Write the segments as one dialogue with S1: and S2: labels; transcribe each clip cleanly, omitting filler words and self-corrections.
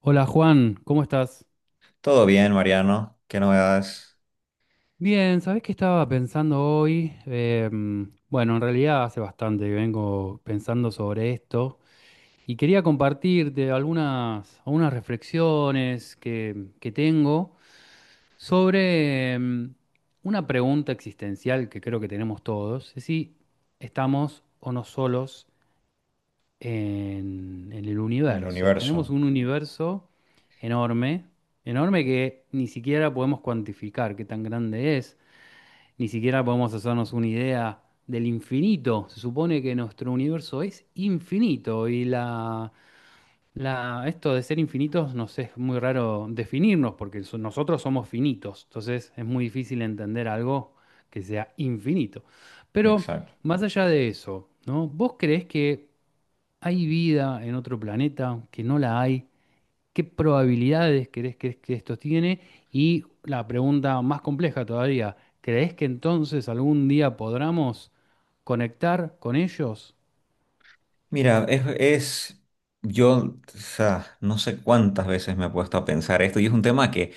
S1: Hola Juan, ¿cómo estás?
S2: Todo bien, Mariano. ¿Qué novedades
S1: Bien, ¿sabés qué estaba pensando hoy? Bueno, en realidad hace bastante que vengo pensando sobre esto y quería compartirte algunas reflexiones que tengo sobre una pregunta existencial que creo que tenemos todos, es si estamos o no solos en el
S2: en el
S1: universo. Tenemos
S2: universo?
S1: un universo enorme, enorme que ni siquiera podemos cuantificar qué tan grande es, ni siquiera podemos hacernos una idea del infinito. Se supone que nuestro universo es infinito y esto de ser infinitos nos es muy raro definirnos porque nosotros somos finitos, entonces es muy difícil entender algo que sea infinito. Pero
S2: Exacto.
S1: más allá de eso, ¿no? ¿Vos creés que ¿hay vida en otro planeta? ¿Que no la hay? ¿Qué probabilidades crees que esto tiene? Y la pregunta más compleja todavía, ¿crees que entonces algún día podamos conectar con ellos?
S2: Mira, yo, o sea, no sé cuántas veces me he puesto a pensar esto y es un tema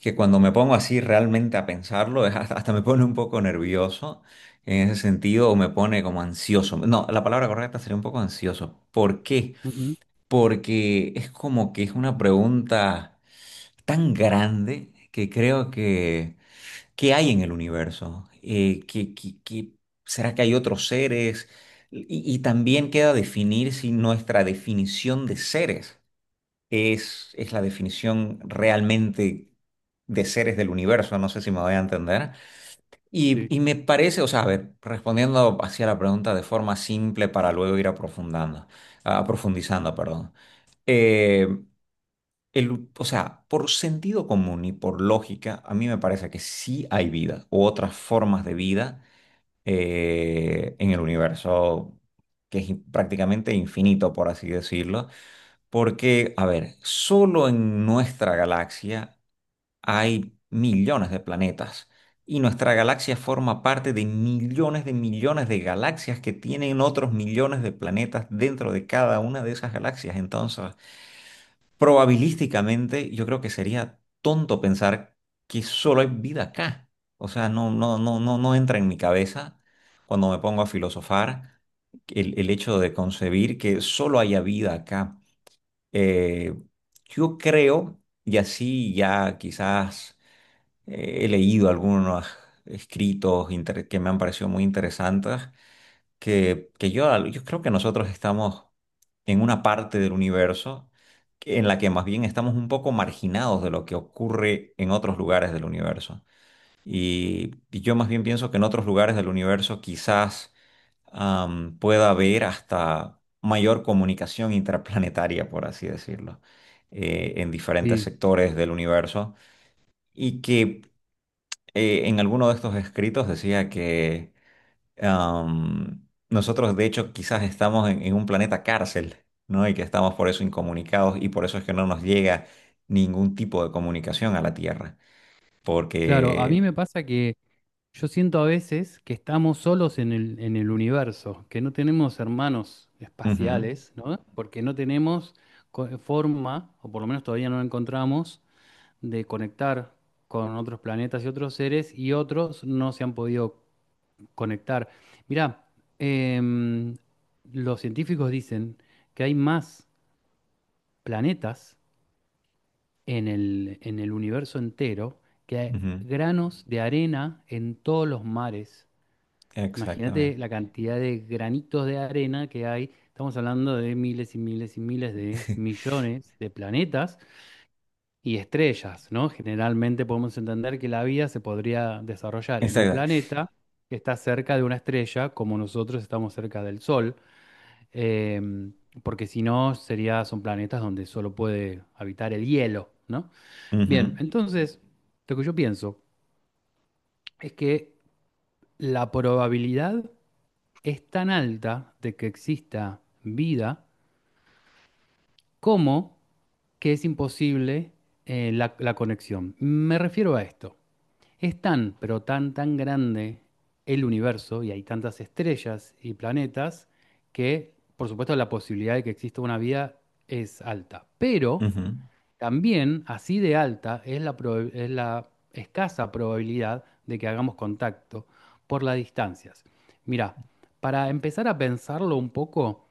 S2: que cuando me pongo así realmente a pensarlo, es hasta me pone un poco nervioso en ese sentido o me pone como ansioso. No, la palabra correcta sería un poco ansioso. ¿Por qué?
S1: Ujú.
S2: Porque es como que es una pregunta tan grande que creo que... ¿Qué hay en el universo? ¿Será que hay otros seres? Y también queda definir si nuestra definición de seres es la definición realmente de seres del universo. No sé si me voy a entender.
S1: Sí,
S2: Y me parece, o sea, a ver, respondiendo hacia la pregunta de forma simple para luego ir aprofundando, profundizando, perdón. Eh, o sea, por sentido común y por lógica, a mí me parece que sí hay vida u otras formas de vida en el universo que es prácticamente infinito, por así decirlo, porque, a ver, solo en nuestra galaxia hay millones de planetas y nuestra galaxia forma parte de millones de millones de galaxias que tienen otros millones de planetas dentro de cada una de esas galaxias. Entonces, probabilísticamente yo creo que sería tonto pensar que solo hay vida acá. O sea, no, no, no, no, no entra en mi cabeza cuando me pongo a filosofar el hecho de concebir que solo haya vida acá. Eh, yo creo, y así ya quizás he leído algunos escritos que me han parecido muy interesantes, que, que yo, yo creo que nosotros estamos en una parte del universo en la que más bien estamos un poco marginados de lo que ocurre en otros lugares del universo. Y yo más bien pienso que en otros lugares del universo quizás pueda haber hasta mayor comunicación intraplanetaria, por así decirlo, en diferentes
S1: sí,
S2: sectores del universo. Y que en alguno de estos escritos decía que nosotros, de hecho, quizás estamos en un planeta cárcel, ¿no? Y que estamos por eso incomunicados y por eso es que no nos llega ningún tipo de comunicación a la Tierra.
S1: claro, a mí
S2: Porque...
S1: me pasa que yo siento a veces que estamos solos en en el universo, que no tenemos hermanos
S2: Ujú,
S1: espaciales, ¿no? Porque no tenemos forma, o por lo menos todavía no la encontramos, de conectar con otros planetas y otros seres y otros no se han podido conectar. Mirá, em, los científicos dicen que hay más planetas en en el universo entero que hay
S2: ujú,
S1: granos de arena en todos los mares. Imagínate
S2: exactamente.
S1: la cantidad de granitos de arena que hay. Estamos hablando de miles y miles y miles de millones de planetas y estrellas, ¿no? Generalmente podemos entender que la vida se podría desarrollar en un
S2: Exacto.
S1: planeta que está cerca de una estrella, como nosotros estamos cerca del Sol, em, porque si no, sería, son planetas donde solo puede habitar el hielo, ¿no? Bien,
S2: Ujú,
S1: entonces, lo que yo pienso es que la probabilidad es tan alta de que exista vida como que es imposible la conexión. Me refiero a esto. Es tan, pero tan, tan grande el universo y hay tantas estrellas y planetas que, por supuesto, la posibilidad de que exista una vida es alta. Pero
S2: ujú,
S1: también, así de alta, es la, es la escasa probabilidad de que hagamos contacto por las distancias. Mira, para empezar a pensarlo un poco,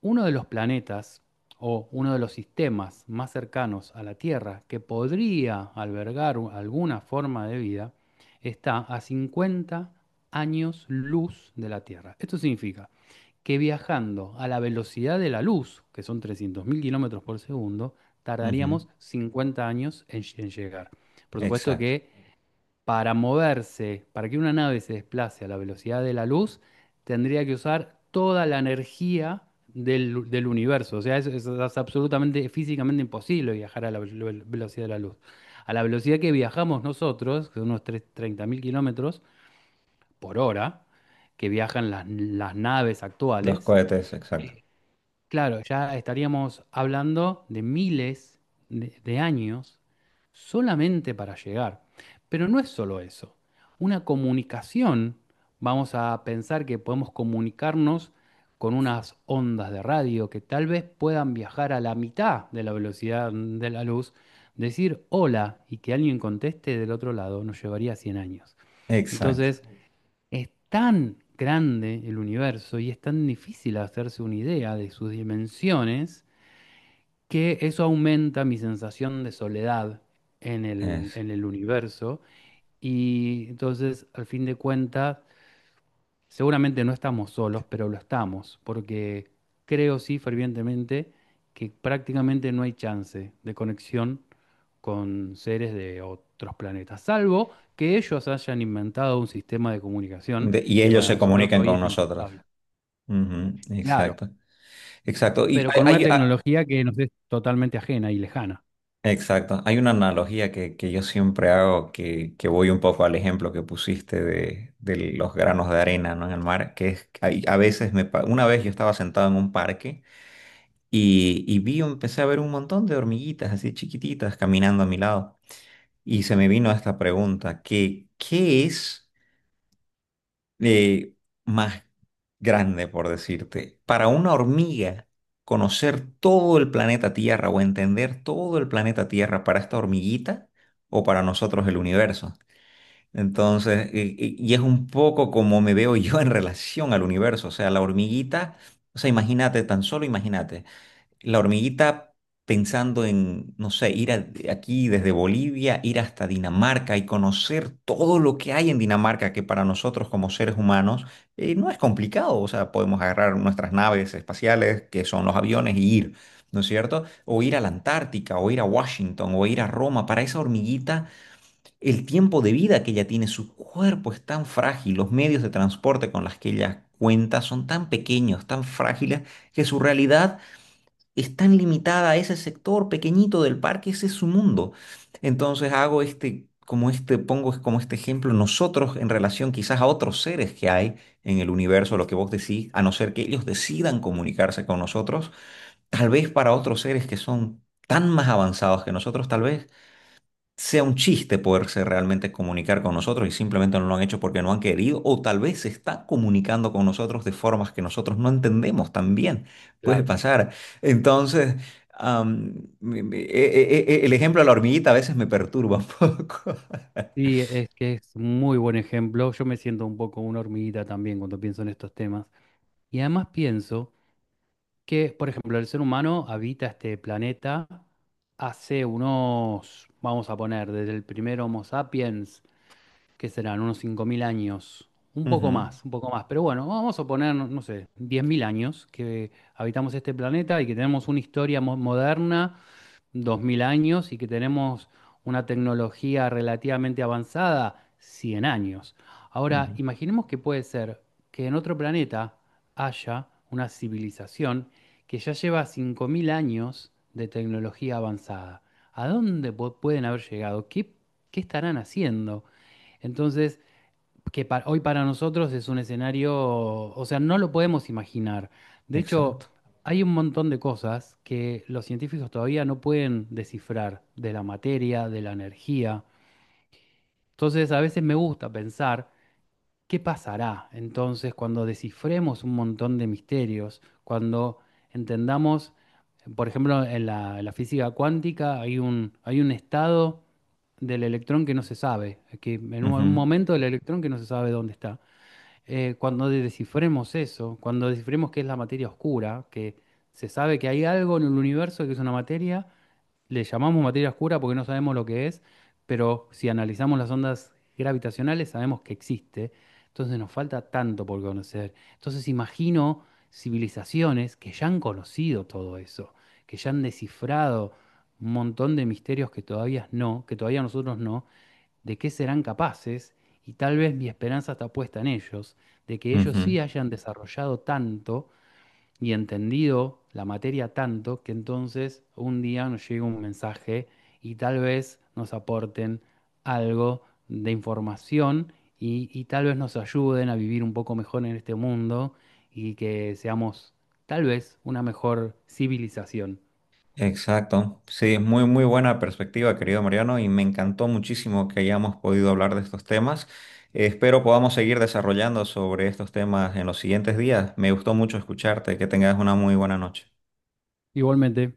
S1: uno de los planetas o uno de los sistemas más cercanos a la Tierra que podría albergar alguna forma de vida está a 50 años luz de la Tierra. Esto significa que viajando a la velocidad de la luz, que son 300.000 kilómetros por segundo,
S2: ujú.
S1: tardaríamos 50 años en llegar. Por supuesto
S2: Exacto.
S1: que para moverse, para que una nave se desplace a la velocidad de la luz, tendría que usar toda la energía del, del universo. O sea, eso es absolutamente físicamente imposible viajar a la velocidad de la luz. A la velocidad que viajamos nosotros, que son unos 30.000 kilómetros por hora, que viajan las naves
S2: Los
S1: actuales,
S2: cohetes, exacto.
S1: claro, ya estaríamos hablando de miles de años solamente para llegar. Pero no es solo eso. Una comunicación, vamos a pensar que podemos comunicarnos con unas ondas de radio que tal vez puedan viajar a la mitad de la velocidad de la luz, decir hola y que alguien conteste del otro lado nos llevaría 100 años.
S2: Exacto.
S1: Entonces, es tan grande el universo y es tan difícil hacerse una idea de sus dimensiones que eso aumenta mi sensación de soledad en
S2: Es.
S1: en el universo. Y entonces, al fin de cuentas, seguramente no estamos solos, pero lo estamos, porque creo sí fervientemente que prácticamente no hay chance de conexión con seres de otros planetas, salvo que ellos hayan inventado un sistema de comunicación
S2: De- y
S1: que
S2: ellos
S1: para
S2: se
S1: nosotros
S2: comunican
S1: hoy
S2: con
S1: es
S2: nosotros.
S1: impensable.
S2: Ujú,
S1: Claro,
S2: exacto. Exacto. Y
S1: pero con una tecnología que nos es totalmente ajena y lejana.
S2: exacto. Hay una analogía que yo siempre hago que voy un poco al ejemplo que pusiste de los granos de arena, ¿no?, en el mar, que es, a veces una vez yo estaba sentado en un parque y vi, empecé a ver un montón de hormiguitas así chiquititas caminando a mi lado y se me vino esta pregunta, que, ¿qué es eh, más grande, por decirte? Para una hormiga, conocer todo el planeta Tierra o entender todo el planeta Tierra para esta hormiguita o para nosotros el universo. Entonces, y es un poco como me veo yo en relación al universo. O sea, la hormiguita, o sea, imagínate, tan solo imagínate la hormiguita pensando en, no sé, ir aquí desde Bolivia, ir hasta Dinamarca y conocer todo lo que hay en Dinamarca, que para nosotros como seres humanos no es complicado. O sea, podemos agarrar nuestras naves espaciales, que son los aviones, y ir, ¿no es cierto? O ir a la Antártica, o ir a Washington, o ir a Roma. Para esa hormiguita, el tiempo de vida que ella tiene, su cuerpo es tan frágil, los medios de transporte con los que ella cuenta son tan pequeños, tan frágiles, que su realidad es tan limitada a ese sector pequeñito del parque, ese es su mundo. Entonces hago este, como este, pongo como este ejemplo nosotros en relación quizás a otros seres que hay en el universo, lo que vos decís, a no ser que ellos decidan comunicarse con nosotros, tal vez para otros seres que son tan más avanzados que nosotros, tal vez sea un chiste poderse realmente comunicar con nosotros y simplemente no lo han hecho porque no han querido o tal vez se están comunicando con nosotros de formas que nosotros no entendemos también. Puede
S1: Claro.
S2: pasar. Entonces, am, me- me- e- e- e- e, el ejemplo de la hormiguita a veces me perturba un poco.
S1: Y es que es muy buen ejemplo. Yo me siento un poco una hormiguita también cuando pienso en estos temas. Y además pienso que, por ejemplo, el ser humano habita este planeta hace unos, vamos a poner, desde el primer Homo sapiens, que serán unos 5.000 años,
S2: Ujú,
S1: un poco más, pero bueno, vamos a poner, no sé, 10.000 años que habitamos este planeta y que tenemos una historia moderna 2.000 años y que tenemos una tecnología relativamente avanzada, 100 años. Ahora,
S2: ujú.
S1: imaginemos que puede ser que en otro planeta haya una civilización que ya lleva 5.000 años de tecnología avanzada. ¿A dónde pueden haber llegado? ¿Qué, qué estarán haciendo? Entonces, que hoy para nosotros es un escenario, o sea, no lo podemos imaginar. De hecho,
S2: Exacto.
S1: hay un montón de cosas que los científicos todavía no pueden descifrar de la materia, de la energía. Entonces, a veces me gusta pensar qué pasará entonces cuando descifremos un montón de misterios, cuando entendamos, por ejemplo, en en la física cuántica hay un estado del electrón que no se sabe, que en un
S2: Ujú,
S1: momento del electrón que no se sabe dónde está. Cuando descifremos eso, cuando descifremos qué es la materia oscura, que se sabe que hay algo en el universo que es una materia, le llamamos materia oscura porque no sabemos lo que es, pero si analizamos las ondas gravitacionales sabemos que existe, entonces nos falta tanto por conocer. Entonces imagino civilizaciones que ya han conocido todo eso, que ya han descifrado un montón de misterios que todavía no, que todavía nosotros no, de qué serán capaces y tal vez mi esperanza está puesta en ellos, de que ellos sí
S2: ujú.
S1: hayan desarrollado tanto y entendido la materia tanto que entonces un día nos llegue un mensaje y tal vez nos aporten algo de información y tal vez nos ayuden a vivir un poco mejor en este mundo y que seamos tal vez una mejor civilización.
S2: Exacto. Sí, muy, muy buena perspectiva, querido Mariano, y me encantó muchísimo que hayamos podido hablar de estos temas. Espero podamos seguir desarrollando sobre estos temas en los siguientes días. Me gustó mucho escucharte. Que tengas una muy buena noche.
S1: Igualmente.